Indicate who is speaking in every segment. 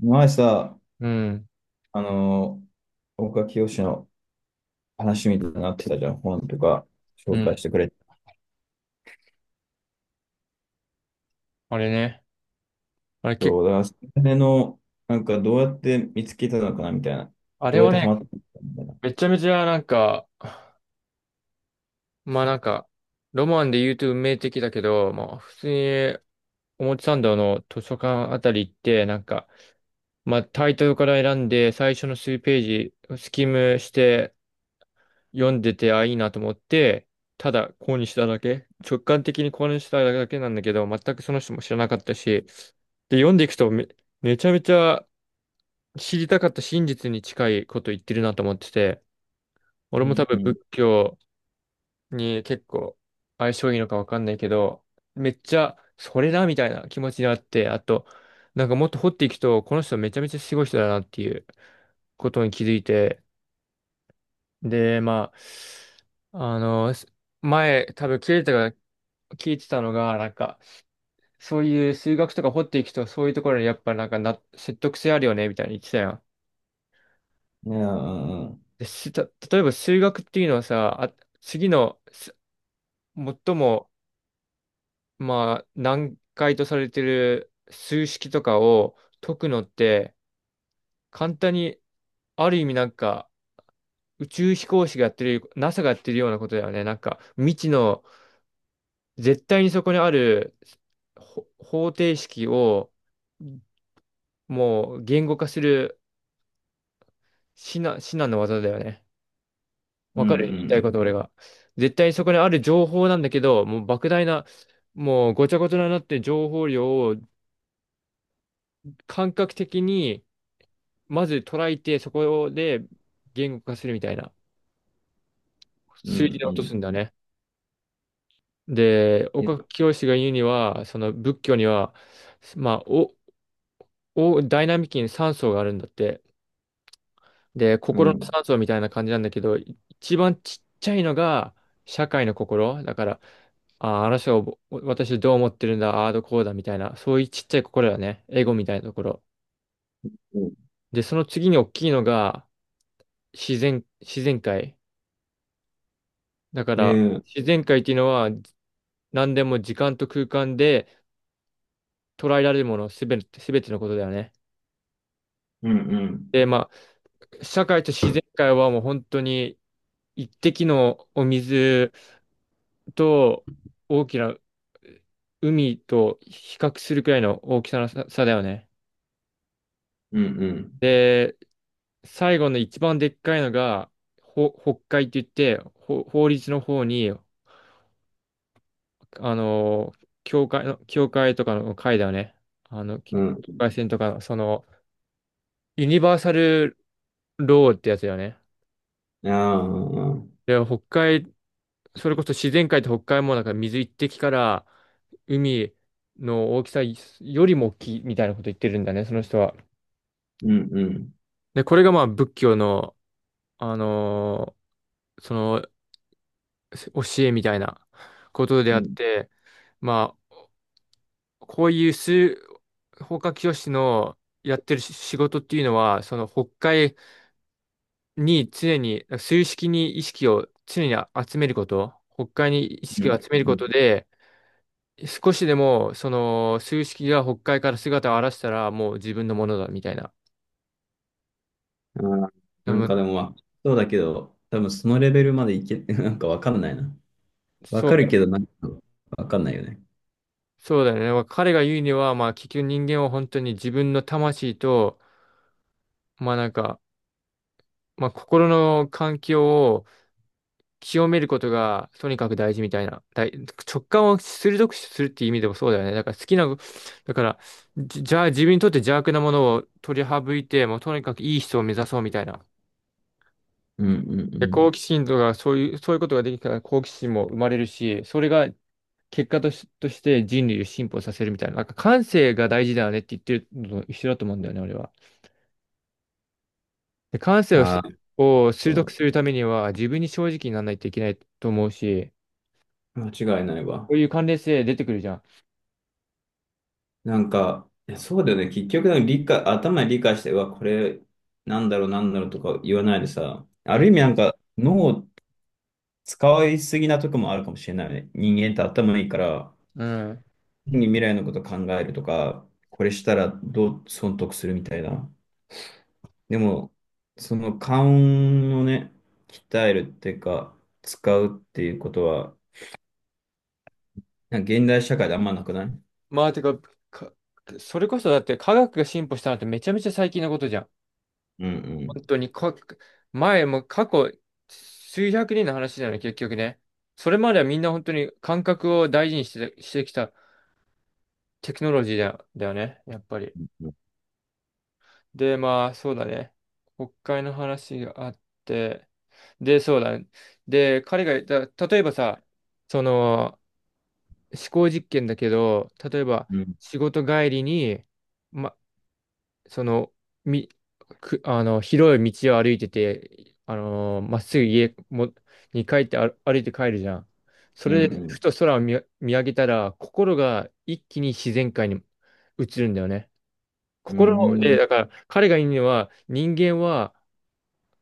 Speaker 1: 前さ、
Speaker 2: うん、
Speaker 1: あのー岡清の話みたいになってたじゃん、本とか
Speaker 2: う
Speaker 1: 紹
Speaker 2: ん。
Speaker 1: 介してくれて。
Speaker 2: あれね。あれ結
Speaker 1: そ
Speaker 2: 構、
Speaker 1: う、だから、それの、なんかどうやって見つけたのかなみたいな。
Speaker 2: あ
Speaker 1: ど
Speaker 2: れ
Speaker 1: うやっ
Speaker 2: は
Speaker 1: てハマ
Speaker 2: ね、
Speaker 1: ったのかみたいな。
Speaker 2: めちゃめちゃなんか、まあなんか、ロマンで言うと運命的だけど、まあ普通に表参道の図書館あたり行って、タイトルから選んで、最初の数ページ、スキムして読んでて、あ、いいなと思って、ただ購入しただけ、直感的に購入しただけなんだけど、全くその人も知らなかったし、で、読んでいくとめちゃめちゃ知りたかった真実に近いこと言ってるなと思ってて、俺
Speaker 1: う
Speaker 2: も
Speaker 1: ん、
Speaker 2: 多分
Speaker 1: うん。
Speaker 2: 仏教に結構相性いいのかわかんないけど、めっちゃそれだみたいな気持ちになって、あと、なんかもっと掘っていくと、この人めちゃめちゃすごい人だなっていうことに気づいて、で、あ、あの、す前多分聞いてたが、聞いてたのが、なんか、そういう数学とか掘っていくと、そういうところにやっぱなんかな、説得性あるよね、みたいに言ってたやん。
Speaker 1: いや、うん
Speaker 2: で、した、例えば数学っていうのはさ、あ、次の、す最も、まあ、難解とされてる数式とかを解くのって、簡単に、ある意味なんか、宇宙飛行士がやってる、NASA がやってるようなことだよね。なんか、未知の、絶対にそこにある方程式を、もう言語化する至難の技だよね。
Speaker 1: う
Speaker 2: わかる言いたい
Speaker 1: ん。
Speaker 2: こと、俺が。絶対にそこにある情報なんだけど、もう莫大な、もうごちゃごちゃになってる情報量を感覚的に、まず捉えて、そこで言語化するみたいな、
Speaker 1: うんう
Speaker 2: 数字
Speaker 1: ん。
Speaker 2: で
Speaker 1: う
Speaker 2: 落
Speaker 1: ん
Speaker 2: と
Speaker 1: う
Speaker 2: すんだ
Speaker 1: ん。
Speaker 2: ね。で、
Speaker 1: いや、
Speaker 2: 岡清が言うには、その仏教には、まあ、お、お、ダイナミックに3層があるんだって。で、
Speaker 1: う
Speaker 2: 心の
Speaker 1: ん。
Speaker 2: 3層みたいな感じなんだけど、一番ちっちゃいのが社会の心。だから、あー、あの人を、お私どう思ってるんだ、ああーどうこうだみたいな、そういうちっちゃい心だね。エゴみたいなところ。
Speaker 1: うん、
Speaker 2: で、その次に大きいのが自然界。だか
Speaker 1: え
Speaker 2: ら、
Speaker 1: ー、
Speaker 2: 自然界っていうのは何でも時間と空間で捉えられるものすべて、すべてのことだよね。
Speaker 1: うんうん。
Speaker 2: で、まあ、社会と自然界はもう本当に一滴のお水と大きな海と比較するくらいの大きさの差だよね。
Speaker 1: うんうん。
Speaker 2: で、最後の一番でっかいのが、北海って言って、法律の方に、あの、教会とかの会だよね。あの、境
Speaker 1: うん。
Speaker 2: 界線とか、その、ユニバーサルローってやつだよね。
Speaker 1: いや、うんうん。
Speaker 2: で、北海、それこそ自然界って北海もなんか水一滴から海の大きさよりも大きいみたいなこと言ってるんだね、その人は。
Speaker 1: うんうん。
Speaker 2: で、これがまあ仏教の、あのーその教えみたいなことで
Speaker 1: う
Speaker 2: あっ
Speaker 1: ん
Speaker 2: て、まあ、こういう数、法華経師のやってる仕事っていうのは、その北海に常に、数式に意識を常に集めること、北海に意
Speaker 1: う
Speaker 2: 識
Speaker 1: ん。
Speaker 2: を集めることで、少しでも、その、数式が北海から姿を現したら、もう自分のものだ、みたいな。
Speaker 1: あー
Speaker 2: で
Speaker 1: なん
Speaker 2: も
Speaker 1: かでも、まあそうだけど、多分そのレベルまでいけ、なんかわかんないな。わ
Speaker 2: そ
Speaker 1: かる
Speaker 2: う、
Speaker 1: けど、なんか、わかんないよね。
Speaker 2: そうだよね。まあ彼が言うには、まあ、結局人間は本当に自分の魂と、まあなんか、心の環境を清めることが、とにかく大事みたいな。直感を鋭くするっていう意味でもそうだよね。だから好きな、だから、じじゃあ自分にとって邪悪なものを取り省いて、もうとにかくいい人を目指そうみたいな。
Speaker 1: うんうんう
Speaker 2: で、好
Speaker 1: ん。
Speaker 2: 奇心とか、そういうことができたら好奇心も生まれるし、それが結果とし、として人類を進歩させるみたいな、なんか感性が大事だよねって言ってるのと一緒だと思うんだよね、俺は。で、感性を
Speaker 1: あ
Speaker 2: し、
Speaker 1: あ、
Speaker 2: を鋭くするためには、自分に正直にならないといけないと思うし、
Speaker 1: 間違いない
Speaker 2: こ
Speaker 1: わ。
Speaker 2: ういう関連性出てくるじゃん。
Speaker 1: なんか、いやそうだよね。結局、なんか理解、頭で理解して、うわ、これ、なんだろう、なんだろうとか言わないでさ、
Speaker 2: う
Speaker 1: ある
Speaker 2: ん。
Speaker 1: 意味なんか、脳を使いすぎなとこもあるかもしれないね。人間って頭いいから、
Speaker 2: うん。
Speaker 1: 未来のこと考えるとか、これしたらどう損得するみたいな。でも、その勘をね、鍛えるっていうか、使うっていうことは、なんか現代社会であんまなくない。う
Speaker 2: まあ、てか、か、それこそだって科学が進歩したのってめちゃめちゃ最近のことじゃん。
Speaker 1: ん
Speaker 2: 本当にか、前も過去数百年の話なの、結局ね。それまではみんな本当に感覚を大事にして、してきたテクノロジーだよね、やっぱり。
Speaker 1: うん。
Speaker 2: で、まあ、そうだね。国会の話があって、で、そうだね。で、彼が言った、例えばさ、その、思考実験だけど、例えば
Speaker 1: うん
Speaker 2: 仕事帰りに、ま、その、み、あの、広い道を歩いてて、あのーまっすぐに帰って歩いて帰るじゃん。そ
Speaker 1: うんう
Speaker 2: れで、
Speaker 1: ん。
Speaker 2: ふと空を見上げたら、心が一気に自然界に移るんだよね。
Speaker 1: う
Speaker 2: 心で、
Speaker 1: ん
Speaker 2: だから、彼が言うのは、人間は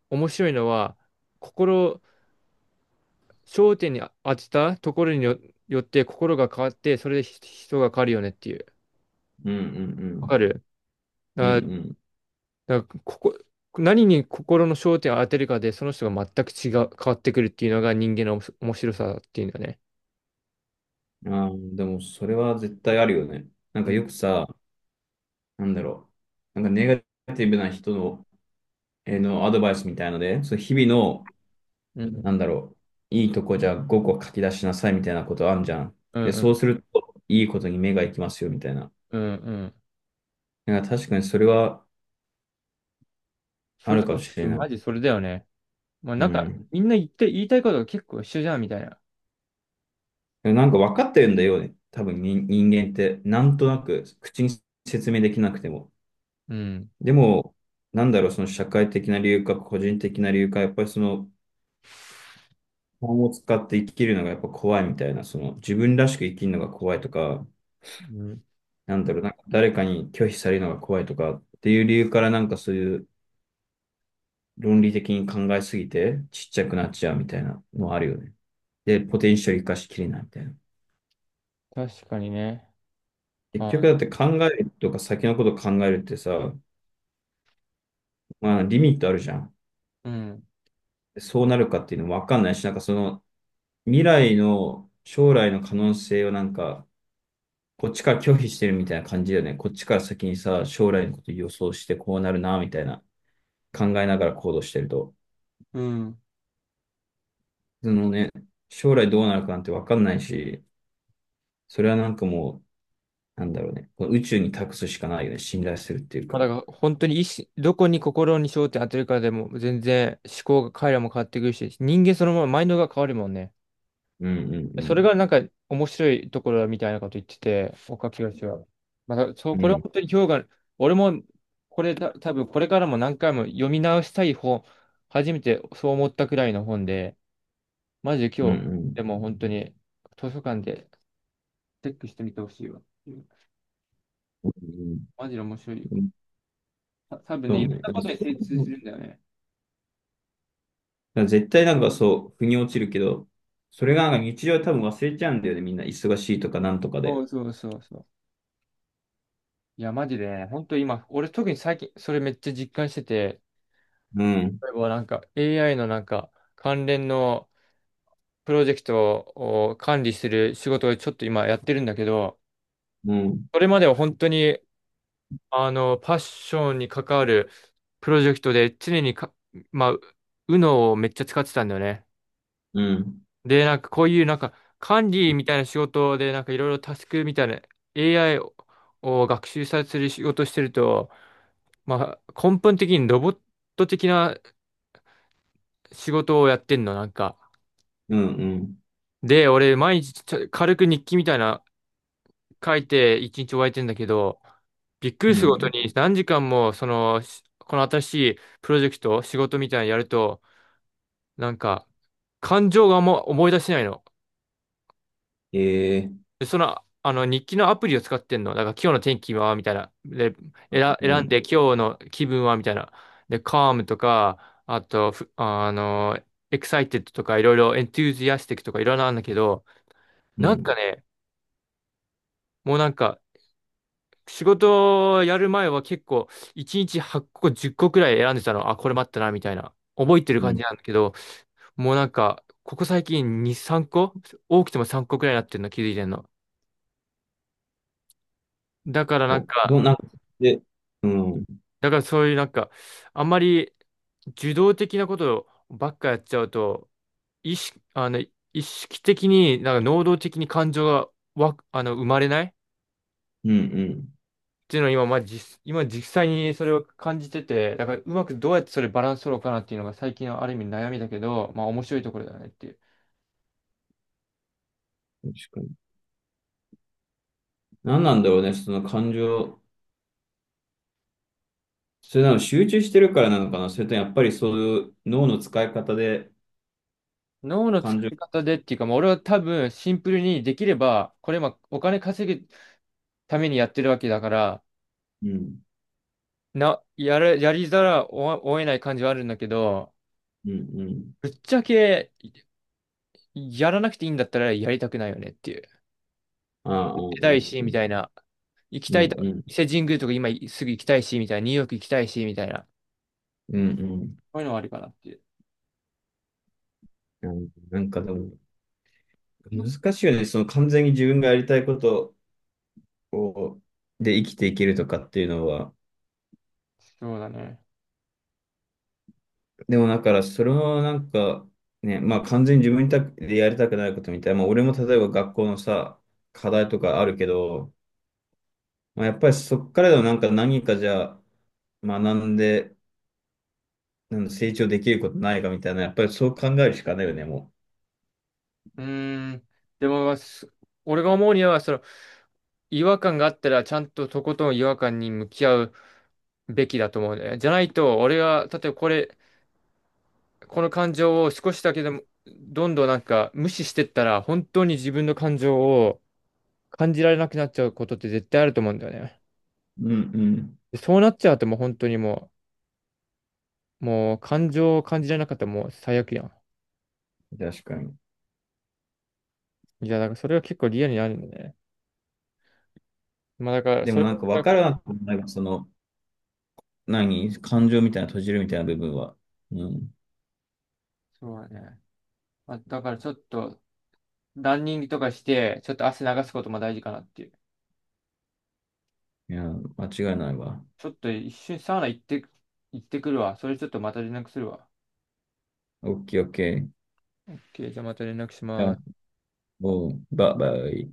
Speaker 2: 面白いのは、心、焦点に当てたところによって心が変わって、それで人が変わるよねっていう。
Speaker 1: うんう
Speaker 2: わか
Speaker 1: ん
Speaker 2: る
Speaker 1: うん。
Speaker 2: あ。
Speaker 1: うん
Speaker 2: だからここ、何に心の焦点を当てるかで、その人が全く違う、変わってくるっていうのが人間のおもし面白さっていうのね。
Speaker 1: うん。ああ、でもそれは絶対あるよね。なん
Speaker 2: う
Speaker 1: か
Speaker 2: ん
Speaker 1: よくさ、なんだろう。なんかネガティブな人の、のアドバイスみたいので、そう日々の、
Speaker 2: うん
Speaker 1: なんだろう、いいとこじゃあ5個書き出しなさいみたいなことあんじゃん。
Speaker 2: うん
Speaker 1: で、
Speaker 2: う
Speaker 1: そう
Speaker 2: ん
Speaker 1: するといいことに目が行きますよみたいな。
Speaker 2: うんうん。
Speaker 1: なんか確かにそれは
Speaker 2: そ
Speaker 1: あ
Speaker 2: れ
Speaker 1: る
Speaker 2: と
Speaker 1: かも
Speaker 2: か、
Speaker 1: しれない。
Speaker 2: マジそれだよね。まあ
Speaker 1: う
Speaker 2: なんか、
Speaker 1: ん。
Speaker 2: みんな言って、言いたいことが結構一緒じゃん、みたいな。
Speaker 1: でもなんか分かってるんだよね。多分人間って、なんとなく口に説明できなくても。
Speaker 2: うん。
Speaker 1: でも、なんだろう、その社会的な理由か、個人的な理由か、やっぱりその、本を使って生きるのがやっぱ怖いみたいな、その、自分らしく生きるのが怖いとか、
Speaker 2: うん。
Speaker 1: なんだろう、なんか誰かに拒否されるのが怖いとかっていう理由からなんかそういう論理的に考えすぎてちっちゃくなっちゃうみたいなのあるよね。で、ポテンシャル生かしきれないみたいな。
Speaker 2: 確かにね。
Speaker 1: 結
Speaker 2: あ、
Speaker 1: 局だって考えるとか先のこと考えるってさ、まあリミットあるじゃん。
Speaker 2: うん。
Speaker 1: そうなるかっていうのもわかんないし、なんかその未来の将来の可能性をなんか、こっちから拒否してるみたいな感じだよね。こっちから先にさ、将来のこと予想してこうなるな、みたいな考えながら行動してると。
Speaker 2: うん。
Speaker 1: そのね、将来どうなるかなんてわかんないし、それはなんかもう、なんだろうね。この宇宙に託すしかないよね。信頼するっていう
Speaker 2: ま
Speaker 1: か。
Speaker 2: あだから本当に意思、どこに心に焦点当てるかでも全然思考が彼らも変わってくるし、人間そのままマインドが変わるもんね。
Speaker 1: うんうん
Speaker 2: それがなんか面白いところだみたいなこと言ってて、岡清は。まあ、そう、
Speaker 1: うん。う
Speaker 2: これは
Speaker 1: ん
Speaker 2: 本当に評価、俺もこれた多分これからも何回も読み直したい本、初めてそう思ったくらいの本で、マジで
Speaker 1: うん
Speaker 2: 今
Speaker 1: う
Speaker 2: 日、
Speaker 1: ん。
Speaker 2: でも本当に図書館でチェックしてみてほしいわ。マジで面白いよ。
Speaker 1: うん、
Speaker 2: 多分ね、
Speaker 1: そ
Speaker 2: い
Speaker 1: う
Speaker 2: ろ
Speaker 1: ね。
Speaker 2: んな
Speaker 1: だから
Speaker 2: こ
Speaker 1: そ
Speaker 2: とに精
Speaker 1: ういう
Speaker 2: 通す
Speaker 1: の
Speaker 2: るんだよね。
Speaker 1: だから絶対なんかそう、腑に落ちるけど、それがなんか日常は多分忘れちゃうんだよね、みんな。忙しいとかなんとか
Speaker 2: そ
Speaker 1: で。
Speaker 2: うそうそうそう。いや、マジでね、本当今、俺特に最近それめっちゃ実感してて、
Speaker 1: うん、
Speaker 2: 例えばなんか AI のなんか関連のプロジェクトを管理する仕事をちょっと今やってるんだけど、
Speaker 1: うん、
Speaker 2: それまでは本当に、あの、パッションに関わるプロジェクトで常にか、まあ、UNO をめっちゃ使ってたんだよね。
Speaker 1: うん、
Speaker 2: で、なんかこういうなんか管理みたいな仕事でなんかいろいろタスクみたいな AI を学習させる仕事してると、まあ、根本的にロボット的な仕事をやってんの、なんか。
Speaker 1: うん、うん、
Speaker 2: で、俺毎日軽く日記みたいな書いて一日終えてんだけど、びっく
Speaker 1: う
Speaker 2: りすること
Speaker 1: ん。
Speaker 2: に何時間もそのこの新しいプロジェクト仕事みたいなのやるとなんか感情が思い出せないの。
Speaker 1: ええ、
Speaker 2: でそのあの日記のアプリを使ってんの。だから今日の天気はみたいな。で、
Speaker 1: う
Speaker 2: 選ん
Speaker 1: ん、
Speaker 2: で今日の気分はみたいな。で、calm とか、あと、ふあの、excited とかいろいろ enthusiastic とかいろいろあるんだけど、
Speaker 1: う
Speaker 2: なんか
Speaker 1: ん、
Speaker 2: ね、もうなんか仕事をやる前は結構1日8個10個くらい選んでたの。あ、これ待ったな、みたいな。覚えてる
Speaker 1: う
Speaker 2: 感
Speaker 1: ん。
Speaker 2: じなんだけど、もうなんか、ここ最近2、3個多くても3個くらいになってるの気づいてんの。だからなん
Speaker 1: お、
Speaker 2: か、
Speaker 1: どう、なんか、で、うん、うん、
Speaker 2: だからそういうなんか、あんまり受動的なことばっかやっちゃうと、意識、あの、意識的に、なんか能動的に感情がわ、あの、生まれない
Speaker 1: うん。
Speaker 2: っていうのを今、今実際にそれを感じてて、だからうまくどうやってそれバランス取ろうかなっていうのが最近のある意味悩みだけど、まあ面白いところだよねっていう。
Speaker 1: 確かに。何なんだろうね、その感情。それなの集中してるからなのかな、それともやっぱりそういう脳の使い方で
Speaker 2: 脳の
Speaker 1: 感
Speaker 2: 使
Speaker 1: 情。
Speaker 2: い方でっていうか、まあ、俺は多分シンプルにできれば、これ今お金稼ぐためにやってるわけだから、
Speaker 1: うん、
Speaker 2: な、やる、やりざらをを得ない感じはあるんだけど、
Speaker 1: うん、うん。
Speaker 2: ぶっちゃけやらなくていいんだったらやりたくないよねっていう。
Speaker 1: ああ、ああ、あ
Speaker 2: 行きたいし、
Speaker 1: あ、
Speaker 2: みたいな。行き
Speaker 1: う
Speaker 2: たい
Speaker 1: ん、
Speaker 2: と、
Speaker 1: うん、
Speaker 2: 伊勢神宮とか今すぐ行きたいし、みたいな。ニューヨーク行きたいし、みたいな。
Speaker 1: うん、
Speaker 2: こういうのはあるかなっていう。
Speaker 1: うん。なんかでも、難しいよね。その完全に自分がやりたいことをで生きていけるとかっていうのは。
Speaker 2: そうだね。
Speaker 1: でもだから、それもなんか、ね、まあ完全に自分にたでやりたくないことみたいな。まあ俺も例えば学校のさ、課題とかあるけど、まあ、やっぱりそっからでもなんか何かじゃあ学んで、なんだ成長できることないかみたいな、やっぱりそう考えるしかないよね、も
Speaker 2: うーん。でも、まあす俺が思うには、その、違和感があったら、ちゃんととことん違和感に向き合うべきだと思うね。じゃないと、俺が、例えばこれ、この感情を少しだけでも、どんどんなんか無視してったら、本当に自分の感情を感じられなくなっちゃうことって絶対あると思うんだよね。
Speaker 1: う。うんう
Speaker 2: でそうなっちゃうともう本当にもう、もう感情を感じられなかったらもう最悪や
Speaker 1: ん。確かに。
Speaker 2: ん。いや、だからそれは結構リアルにあるんだね。まあだから、
Speaker 1: で
Speaker 2: そ
Speaker 1: も
Speaker 2: れ、
Speaker 1: なんか分からなくもない、その、何、感情みたいな閉じるみたいな部分は。うん、
Speaker 2: そうだね。まあ、だからちょっと、ランニングとかして、ちょっと汗流すことも大事かなっていう。
Speaker 1: いや、間違いないわ。
Speaker 2: ちょっと一瞬サウナ行って、行ってくるわ。それちょっとまた連絡するわ。
Speaker 1: オッケーオッケー。い
Speaker 2: OK、じゃあまた連絡し
Speaker 1: や、
Speaker 2: ます。
Speaker 1: もう、バイバイ。